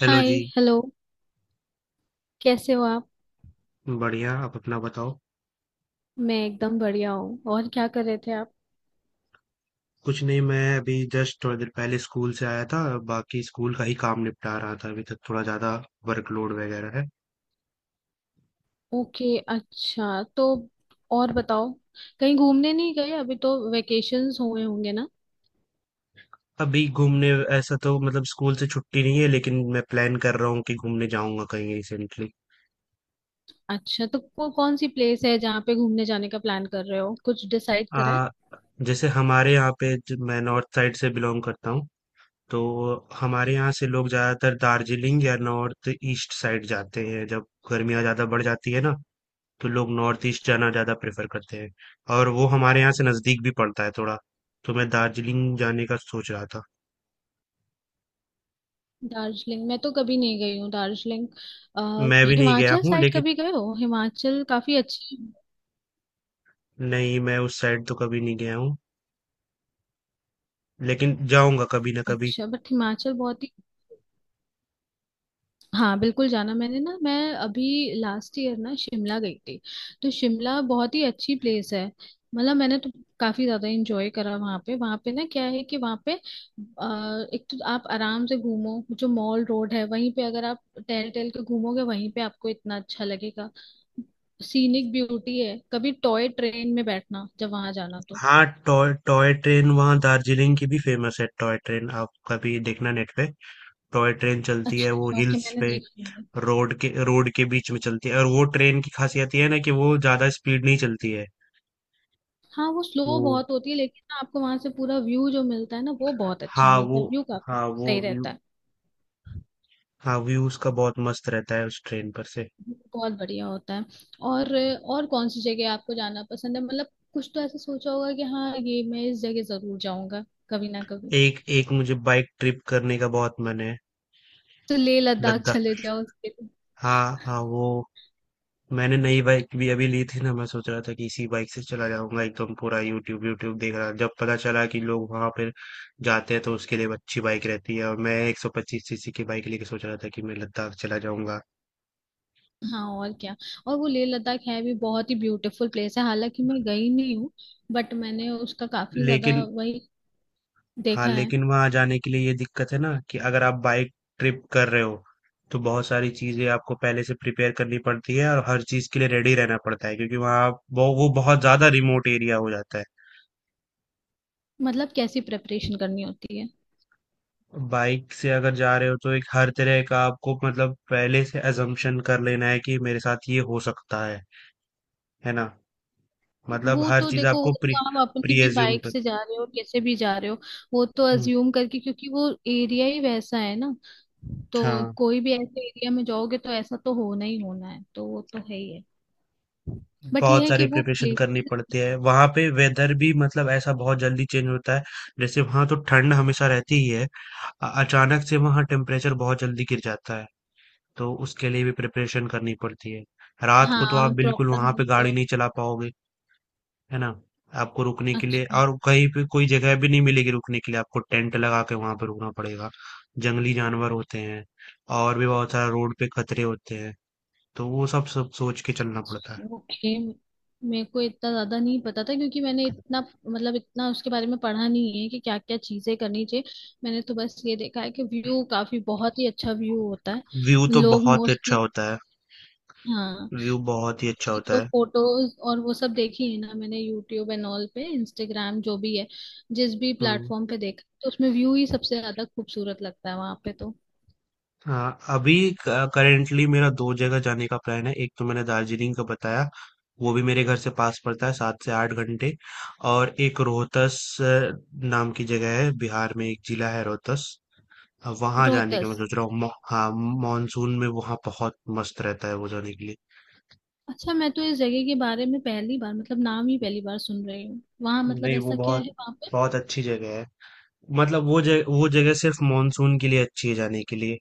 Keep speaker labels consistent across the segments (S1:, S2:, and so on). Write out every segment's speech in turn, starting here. S1: Hello
S2: hi.
S1: जी।
S2: Hello. कैसे हो आप?
S1: बढ़िया। आप अपना बताओ।
S2: मैं एकदम बढ़िया हूँ। और क्या कर रहे थे आप?
S1: कुछ नहीं, मैं अभी जस्ट थोड़ी देर पहले स्कूल से आया था। बाकी स्कूल का ही काम निपटा रहा था अभी तक। थोड़ा ज्यादा वर्कलोड वगैरह है।
S2: ओके, अच्छा तो और बताओ, कहीं घूमने नहीं गए? अभी तो वेकेशंस हुए होंगे ना।
S1: अभी घूमने ऐसा तो मतलब स्कूल से छुट्टी नहीं है, लेकिन मैं प्लान कर रहा हूँ कि घूमने जाऊंगा कहीं रिसेंटली।
S2: अच्छा, कौन सी प्लेस है जहाँ पे घूमने जाने का प्लान कर रहे हो? कुछ डिसाइड करा है?
S1: आ जैसे हमारे यहाँ पे मैं नॉर्थ साइड से बिलोंग करता हूँ। तो हमारे यहाँ से लोग ज्यादातर दार्जिलिंग या नॉर्थ ईस्ट साइड जाते हैं जब गर्मियाँ ज्यादा बढ़ जाती है ना। तो लोग नॉर्थ ईस्ट जाना ज़्यादा प्रेफर करते हैं, और वो हमारे यहाँ से नज़दीक भी पड़ता है थोड़ा। तो मैं दार्जिलिंग जाने का सोच रहा था।
S2: दार्जिलिंग, मैं तो कभी नहीं गई हूँ दार्जिलिंग। अ,
S1: मैं भी नहीं गया
S2: हिमाचल
S1: हूँ
S2: साइड
S1: लेकिन।
S2: कभी गए हो? हिमाचल काफी अच्छी।
S1: नहीं, मैं उस साइड तो कभी नहीं गया हूँ, लेकिन जाऊंगा कभी ना कभी।
S2: अच्छा, बट हिमाचल बहुत ही, हाँ बिल्कुल जाना। मैंने ना मैं अभी लास्ट ईयर ना शिमला गई थी। तो शिमला बहुत ही अच्छी प्लेस है। मतलब मैंने तो काफी ज्यादा एंजॉय करा वहाँ पे। ना क्या है कि वहाँ पे एक तो आप आराम से घूमो, जो मॉल रोड है वहीं पे अगर आप टहल टहल के घूमोगे वहीं पे आपको इतना अच्छा लगेगा। सीनिक ब्यूटी है। कभी टॉय ट्रेन में बैठना जब वहां जाना तो।
S1: हाँ, टॉय टॉय ट्रेन वहाँ दार्जिलिंग की भी फेमस है। टॉय ट्रेन आप कभी देखना नेट पे। टॉय ट्रेन चलती है वो
S2: अच्छा ओके,
S1: हिल्स
S2: मैंने
S1: पे।
S2: देखी नहीं है।
S1: रोड के बीच में चलती है, और वो ट्रेन की खासियत ये है ना कि वो ज़्यादा स्पीड नहीं चलती है।
S2: हाँ वो स्लो
S1: वो
S2: बहुत होती है, लेकिन ना आपको वहां से पूरा व्यू जो मिलता है ना वो बहुत अच्छा
S1: हाँ
S2: मिलता
S1: वो
S2: है। व्यू काफी
S1: हाँ वो
S2: सही रहता है,
S1: हाँ, व्यू उसका बहुत मस्त रहता है उस ट्रेन पर से।
S2: बहुत बढ़िया होता है। और और कौन सी जगह आपको जाना पसंद है? मतलब कुछ तो ऐसा सोचा होगा कि हाँ ये मैं इस जगह जरूर जाऊंगा कभी ना कभी।
S1: एक एक मुझे बाइक ट्रिप करने का बहुत मन है।
S2: तो लेह लद्दाख
S1: लद्दाख।
S2: चले जाओ उसके लिए।
S1: हाँ, हाँ, वो मैंने नई बाइक भी अभी ली थी ना। मैं सोच रहा था कि इसी बाइक से चला जाऊंगा एकदम पूरा। यूट्यूब यूट्यूब देख रहा जब पता चला कि लोग वहां पर जाते हैं। तो उसके लिए अच्छी बाइक रहती है, और मैं 125 सीसी की बाइक लेके सोच रहा था कि मैं लद्दाख चला जाऊंगा।
S2: हाँ और क्या, और वो लेह लद्दाख है भी बहुत ही ब्यूटीफुल प्लेस। है हालांकि मैं गई नहीं हूँ, बट मैंने उसका काफी ज्यादा
S1: लेकिन
S2: वही
S1: हाँ,
S2: देखा है।
S1: लेकिन वहाँ जाने के लिए ये दिक्कत है ना कि अगर आप बाइक ट्रिप कर रहे हो। तो बहुत सारी चीजें आपको पहले से प्रिपेयर करनी पड़ती है और हर चीज के लिए रेडी रहना पड़ता है, क्योंकि वहाँ वो बहुत ज्यादा रिमोट एरिया हो जाता है।
S2: मतलब कैसी प्रेपरेशन करनी होती है?
S1: बाइक से अगर जा रहे हो तो एक हर तरह का आपको मतलब पहले से अजम्पशन कर लेना है कि मेरे साथ ये हो सकता है ना। मतलब
S2: वो
S1: हर
S2: तो
S1: चीज
S2: देखो, वो
S1: आपको
S2: तो
S1: प्री
S2: आप अपनी
S1: प्री
S2: भी
S1: एज्यूम
S2: बाइक
S1: कर।
S2: से जा रहे हो, कैसे भी जा रहे हो, वो तो
S1: हम्म,
S2: अज्यूम करके, क्योंकि वो एरिया ही वैसा है ना। तो
S1: हाँ,
S2: कोई भी ऐसे एरिया में जाओगे तो ऐसा तो होना ही होना है, तो वो तो है ही है। बट ये
S1: बहुत
S2: है कि
S1: सारी
S2: वो
S1: प्रिपरेशन करनी
S2: प्लेस।
S1: पड़ती है वहां पे। वेदर भी मतलब ऐसा बहुत जल्दी चेंज होता है। जैसे वहां तो ठंड हमेशा रहती ही है। अचानक से वहां टेम्परेचर बहुत जल्दी गिर जाता है। तो उसके लिए भी प्रिपरेशन करनी पड़ती है। रात को तो
S2: हाँ
S1: आप बिल्कुल
S2: प्रॉपर
S1: वहां
S2: है
S1: पे गाड़ी
S2: तो-।
S1: नहीं चला पाओगे, है ना। आपको रुकने के लिए
S2: अच्छा
S1: और कहीं पे कोई जगह भी नहीं मिलेगी। रुकने के लिए आपको टेंट लगा के वहां पे रुकना पड़ेगा। जंगली जानवर होते हैं। और भी बहुत सारा रोड पे खतरे होते हैं। तो वो सब सब सोच के चलना पड़ता है।
S2: ओके, मेरे को इतना ज्यादा नहीं पता था, क्योंकि मैंने इतना, मतलब इतना उसके बारे में पढ़ा नहीं है कि क्या क्या चीजें करनी चाहिए। मैंने तो बस ये देखा है कि व्यू काफी, बहुत ही अच्छा व्यू होता है।
S1: व्यू तो
S2: लोग
S1: बहुत अच्छा
S2: मोस्टली,
S1: होता है।
S2: हाँ
S1: व्यू बहुत ही अच्छा
S2: ये
S1: होता
S2: जो
S1: है।
S2: फोटोज और वो सब देखी है ना मैंने, यूट्यूब एंड ऑल पे, इंस्टाग्राम, जो भी है जिस भी
S1: हुँ,
S2: प्लेटफॉर्म पे देखा, तो उसमें व्यू ही सबसे ज्यादा खूबसूरत लगता है वहां पे तो।
S1: हाँ, अभी करेंटली मेरा 2 जगह जाने का प्लान है। एक तो मैंने दार्जिलिंग का बताया, वो भी मेरे घर से पास पड़ता है, 7 से 8 घंटे। और एक रोहतस नाम की जगह है, बिहार में एक जिला है रोहतस। वहाँ जाने का
S2: रोहतस,
S1: मैं सोच रहा हूँ। हाँ, मानसून में वहाँ बहुत मस्त रहता है वो जाने के लिए।
S2: अच्छा मैं तो इस जगह के बारे में पहली बार, मतलब नाम ही पहली बार सुन रही हूँ। वहां मतलब
S1: नहीं, वो
S2: ऐसा क्या
S1: बहुत
S2: है वहां पे?
S1: बहुत अच्छी जगह है। मतलब वो जगह सिर्फ मानसून के लिए अच्छी है जाने के लिए।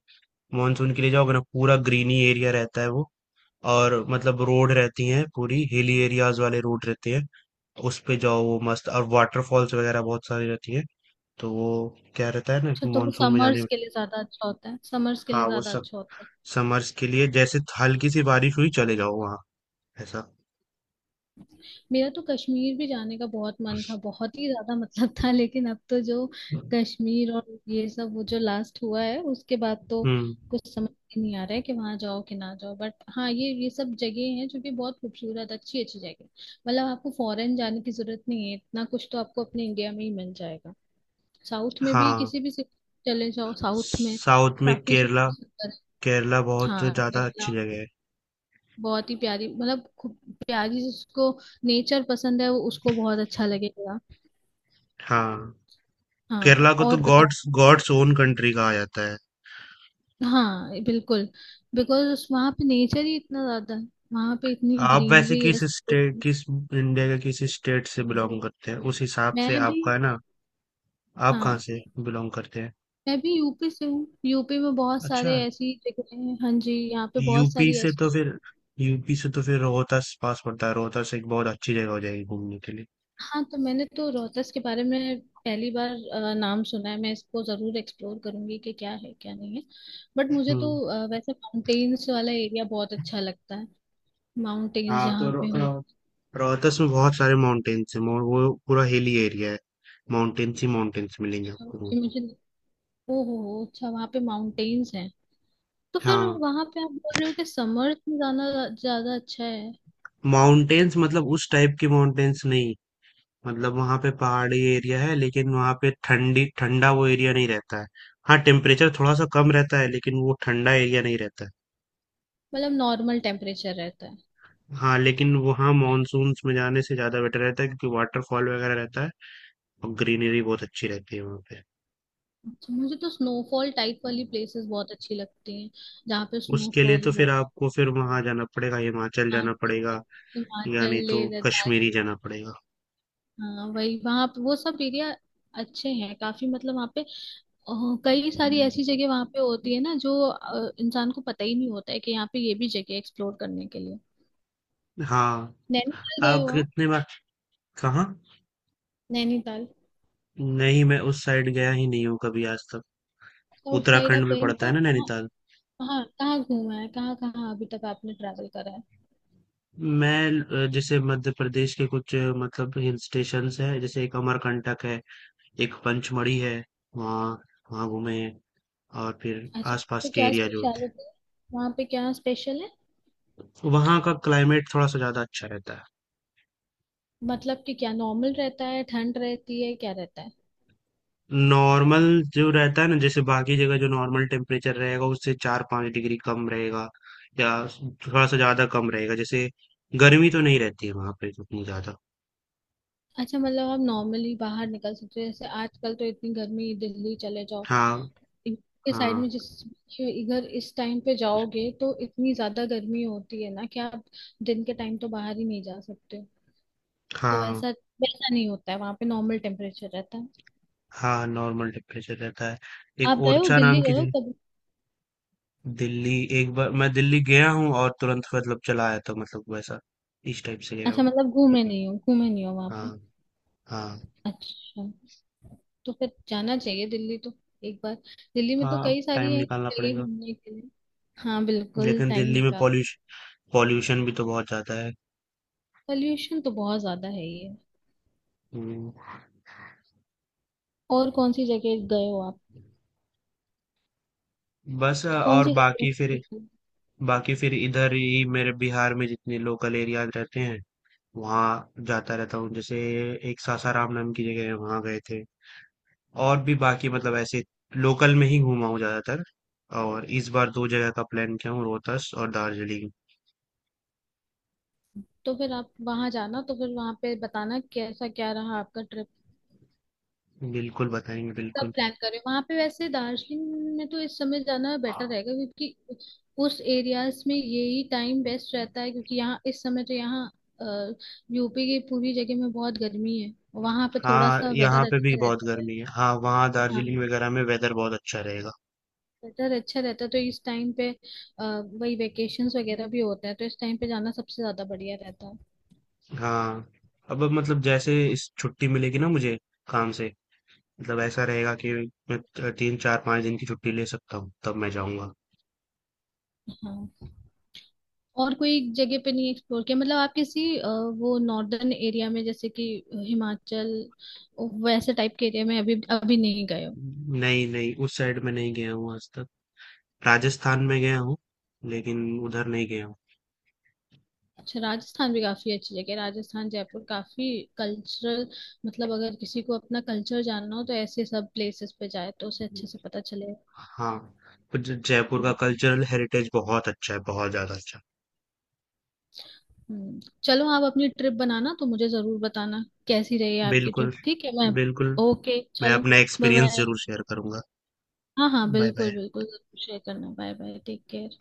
S1: मानसून के लिए जाओगे ना पूरा ग्रीनी एरिया रहता है वो। और मतलब रोड रहती हैं, पूरी हिली एरियाज वाले रोड रहते हैं। उस पे जाओ वो मस्त। और वाटरफॉल्स वगैरह बहुत सारी रहती हैं। तो वो क्या रहता है ना
S2: अच्छा,
S1: कि
S2: तो वो
S1: मानसून में जाने
S2: समर्स
S1: में।
S2: के लिए ज्यादा अच्छा होता है, समर्स के
S1: हाँ,
S2: लिए
S1: वो
S2: ज्यादा
S1: सब।
S2: अच्छा होता है।
S1: समर्स के लिए जैसे हल्की सी बारिश हुई चले जाओ वहाँ ऐसा।
S2: मेरा तो कश्मीर भी जाने का बहुत मन था, बहुत ही ज्यादा मतलब था, लेकिन अब तो जो कश्मीर और ये सब, वो जो लास्ट हुआ है उसके बाद तो
S1: हम्म,
S2: कुछ समझ ही नहीं आ रहा है कि वहां जाओ कि ना जाओ। बट हाँ, ये सब जगह हैं जो कि बहुत खूबसूरत अच्छी अच्छी जगह है। मतलब आपको फॉरेन जाने की जरूरत नहीं है, इतना कुछ तो आपको अपने इंडिया में ही मिल जाएगा। साउथ में भी
S1: हाँ,
S2: किसी भी सिटी चले जाओ साउथ में,
S1: साउथ में
S2: काफी
S1: केरला
S2: सुंदर सुंदर।
S1: केरला बहुत
S2: हाँ
S1: ज्यादा अच्छी
S2: केरला
S1: जगह है।
S2: बहुत ही प्यारी, मतलब खूब प्यारी। जिसको नेचर पसंद है वो उसको बहुत अच्छा लगेगा।
S1: हाँ, केरला
S2: हाँ
S1: को तो
S2: और बताओ।
S1: गॉड्स गॉड्स ओन कंट्री कहा जाता है।
S2: हाँ बिल्कुल, बिकॉज वहाँ पे नेचर ही इतना ज्यादा है, वहाँ पे इतनी
S1: आप वैसे
S2: ग्रीनरी है सब कुछ।
S1: किस इंडिया के किस स्टेट से बिलोंग करते हैं उस हिसाब से
S2: मैं भी,
S1: आपका है ना। आप कहाँ
S2: हाँ
S1: से बिलोंग करते हैं?
S2: मैं भी यूपी से हूँ। यूपी में बहुत सारे
S1: अच्छा।
S2: ऐसी जगह हैं, हाँ जी यहाँ पे बहुत
S1: यूपी
S2: सारी
S1: से
S2: ऐसी
S1: तो फिर
S2: जगह।
S1: यूपी से तो फिर रोहतास पास पड़ता है। रोहतास एक बहुत अच्छी जगह हो जाएगी घूमने के लिए।
S2: हाँ तो मैंने तो रोहतास के बारे में पहली बार नाम सुना है। मैं इसको जरूर एक्सप्लोर करूंगी कि क्या है क्या नहीं है। बट मुझे तो
S1: हम्म,
S2: वैसे माउंटेन्स वाला एरिया बहुत अच्छा लगता है, माउंटेन्स
S1: हाँ, तो
S2: जहाँ पे हो।
S1: अ, रोहतास में बहुत सारे माउंटेन्स हैं। वो पूरा हिली एरिया है। माउंटेन्स ही माउंटेन्स मिलेंगे आपको।
S2: तो मुझे, ओ हो, अच्छा वहाँ पे माउंटेन्स हैं। तो फिर
S1: हाँ।
S2: वहाँ पे आप बोल रहे हो कि समर्स में जाना ज्यादा अच्छा है?
S1: माउंटेन्स मतलब उस टाइप के माउंटेन्स नहीं। मतलब वहां पे पहाड़ी एरिया है, लेकिन वहां पे ठंडी ठंडा वो एरिया नहीं रहता है। हाँ, टेम्परेचर थोड़ा सा कम रहता है, लेकिन वो ठंडा एरिया नहीं रहता है।
S2: मतलब नॉर्मल टेम्परेचर रहता है।
S1: हाँ, लेकिन वहाँ मानसून्स में जाने से ज्यादा बेटर रहता है, क्योंकि वाटरफॉल वगैरह रहता है और ग्रीनरी बहुत अच्छी रहती है वहाँ पे।
S2: अच्छा मुझे तो स्नोफॉल टाइप वाली प्लेसेस बहुत अच्छी लगती हैं, जहाँ पे
S1: उसके लिए तो
S2: स्नोफॉल
S1: फिर
S2: हो।
S1: आपको फिर वहां जाना पड़ेगा, हिमाचल जाना
S2: आसपास,
S1: पड़ेगा। या नहीं
S2: हिमाचल, लेह
S1: तो कश्मीर ही
S2: लद्दाख।
S1: जाना पड़ेगा।
S2: हाँ वही, वहाँ पे वो सब एरिया अच्छे हैं काफी। मतलब वहाँ पे अ, कई सारी ऐसी जगह वहाँ पे होती है ना, जो इंसान को पता ही नहीं होता है कि यहाँ पे ये भी जगह एक्सप्लोर करने के लिए।
S1: हाँ।
S2: नैनीताल गए
S1: आप
S2: हो आप?
S1: कितने बार? कहाँ?
S2: नैनीताल।
S1: नहीं, मैं उस साइड गया ही नहीं हूँ कभी आज तक।
S2: साउथ साइड आप
S1: उत्तराखंड में
S2: गए नहीं,
S1: पड़ता
S2: तो
S1: है
S2: आप
S1: ना
S2: कहाँ
S1: नैनीताल।
S2: कहाँ कहाँ घूमा है, कहाँ कहाँ अभी तक आपने ट्रैवल करा है?
S1: मैं जैसे मध्य प्रदेश के कुछ मतलब हिल स्टेशंस है। जैसे एक अमरकंटक है, एक पंचमढ़ी है। वहाँ वहाँ घूमे हैं। और फिर
S2: अच्छा वहाँ
S1: आसपास
S2: पे
S1: के
S2: क्या
S1: एरिया जो होते
S2: स्पेशलिटी है, वहाँ पे क्या स्पेशल है?
S1: हैं वहाँ का क्लाइमेट थोड़ा सा ज्यादा अच्छा रहता है।
S2: मतलब कि क्या नॉर्मल रहता है? ठंड रहती है? क्या रहता है?
S1: नॉर्मल जो रहता है ना, जैसे बाकी जगह जो नॉर्मल टेम्परेचर रहेगा उससे 4 5 डिग्री कम रहेगा। या थोड़ा सा ज्यादा कम रहेगा। जैसे गर्मी तो नहीं रहती है वहाँ पे उतनी ज्यादा।
S2: अच्छा, मतलब आप नॉर्मली बाहर निकल सकते हो। जैसे आजकल तो इतनी गर्मी, दिल्ली चले जाओ
S1: हाँ,
S2: के साइड में,
S1: हाँ,
S2: जिस इधर इस टाइम पे जाओगे तो इतनी ज्यादा गर्मी होती है ना कि आप दिन के टाइम तो बाहर ही नहीं जा सकते हो। तो
S1: हाँ,
S2: वैसा, वैसा नहीं होता है वहां पे, नॉर्मल टेम्परेचर रहता है।
S1: हाँ, नॉर्मल टेम्परेचर रहता है। एक
S2: आप गए हो,
S1: ओरछा
S2: दिल्ली
S1: नाम की
S2: गए हो
S1: जगह।
S2: कभी?
S1: दिल्ली। एक बार मैं दिल्ली गया हूँ और तुरंत मतलब चला आया था। मतलब वैसा इस टाइप से गया
S2: अच्छा,
S1: हूँ।
S2: मतलब घूमे नहीं हो, घूमे नहीं हो वहां
S1: हाँ,
S2: पे।
S1: हाँ,
S2: अच्छा, तो फिर जाना चाहिए दिल्ली तो, एक बार। दिल्ली में तो
S1: हाँ, अब
S2: कई
S1: टाइम
S2: सारी है
S1: निकालना
S2: जगह
S1: पड़ेगा।
S2: घूमने के लिए। हाँ बिल्कुल
S1: लेकिन
S2: टाइम
S1: दिल्ली में
S2: निकाल।
S1: पॉल्यूशन पॉल्यूशन भी तो बहुत ज्यादा है।
S2: पॉल्यूशन तो बहुत ज्यादा है ये।
S1: हम्म,
S2: और कौन सी जगह गए हो आप,
S1: बस।
S2: कौन
S1: और
S2: सी जगह explore की?
S1: बाकी फिर इधर ही मेरे बिहार में जितने लोकल एरियाज रहते हैं वहाँ जाता रहता हूँ। जैसे एक सासाराम नाम की जगह है, वहाँ गए थे। और भी बाकी मतलब ऐसे लोकल में ही घूमा हूँ ज्यादातर। और इस बार दो जगह का प्लान किया हूँ, रोहतास और दार्जिलिंग।
S2: तो फिर आप वहां जाना तो फिर वहां पे बताना कैसा क्या रहा आपका ट्रिप।
S1: बिल्कुल बताएंगे,
S2: कब
S1: बिल्कुल।
S2: प्लान करें वहां पे, वैसे दार्जिलिंग में तो इस समय जाना बेटर रहेगा क्योंकि उस एरियाज में यही टाइम बेस्ट रहता है। क्योंकि यहाँ इस समय तो यहाँ यूपी की पूरी जगह में बहुत गर्मी है, वहां पे थोड़ा
S1: हाँ,
S2: सा
S1: यहाँ
S2: वेदर
S1: पे भी
S2: अच्छा
S1: बहुत
S2: रहता है।
S1: गर्मी है। हाँ, वहाँ
S2: हाँ
S1: दार्जिलिंग वगैरह में वेदर बहुत अच्छा रहेगा।
S2: बेटर अच्छा रहता है तो इस टाइम पे। अ, वही वेकेशंस वगैरह भी होता है तो इस टाइम पे जाना सबसे ज्यादा बढ़िया रहता है।
S1: हाँ। अब मतलब जैसे इस छुट्टी मिलेगी ना मुझे काम से, मतलब ऐसा रहेगा कि मैं 3 4 5 दिन की छुट्टी ले सकता हूँ, तब मैं जाऊँगा।
S2: हाँ और कोई जगह पे नहीं एक्सप्लोर किया? मतलब आप किसी वो नॉर्दर्न एरिया में, जैसे कि हिमाचल, वैसे टाइप के एरिया में अभी अभी नहीं गए हो?
S1: नहीं, नहीं, उस साइड में नहीं गया हूँ आज तक। राजस्थान में गया हूँ, लेकिन उधर नहीं गया हूँ।
S2: अच्छा राजस्थान भी काफी अच्छी जगह है। राजस्थान जयपुर काफी कल्चरल, मतलब अगर किसी को अपना कल्चर जानना हो तो ऐसे सब प्लेसेस पे जाए तो उसे अच्छे से पता चले।
S1: हाँ। पर जयपुर का कल्चरल हेरिटेज बहुत अच्छा है, बहुत ज्यादा अच्छा।
S2: चलो आप अपनी ट्रिप बनाना तो मुझे जरूर बताना कैसी रही आपकी
S1: बिल्कुल,
S2: ट्रिप, ठीक है? मैं
S1: बिल्कुल।
S2: ओके
S1: मैं
S2: चलो,
S1: अपना
S2: बाय
S1: एक्सपीरियंस
S2: बाय।
S1: ज़रूर शेयर करूँगा।
S2: हाँ हाँ
S1: बाय
S2: बिल्कुल
S1: बाय।
S2: बिल्कुल, जरूर शेयर करना। Bye bye, take care.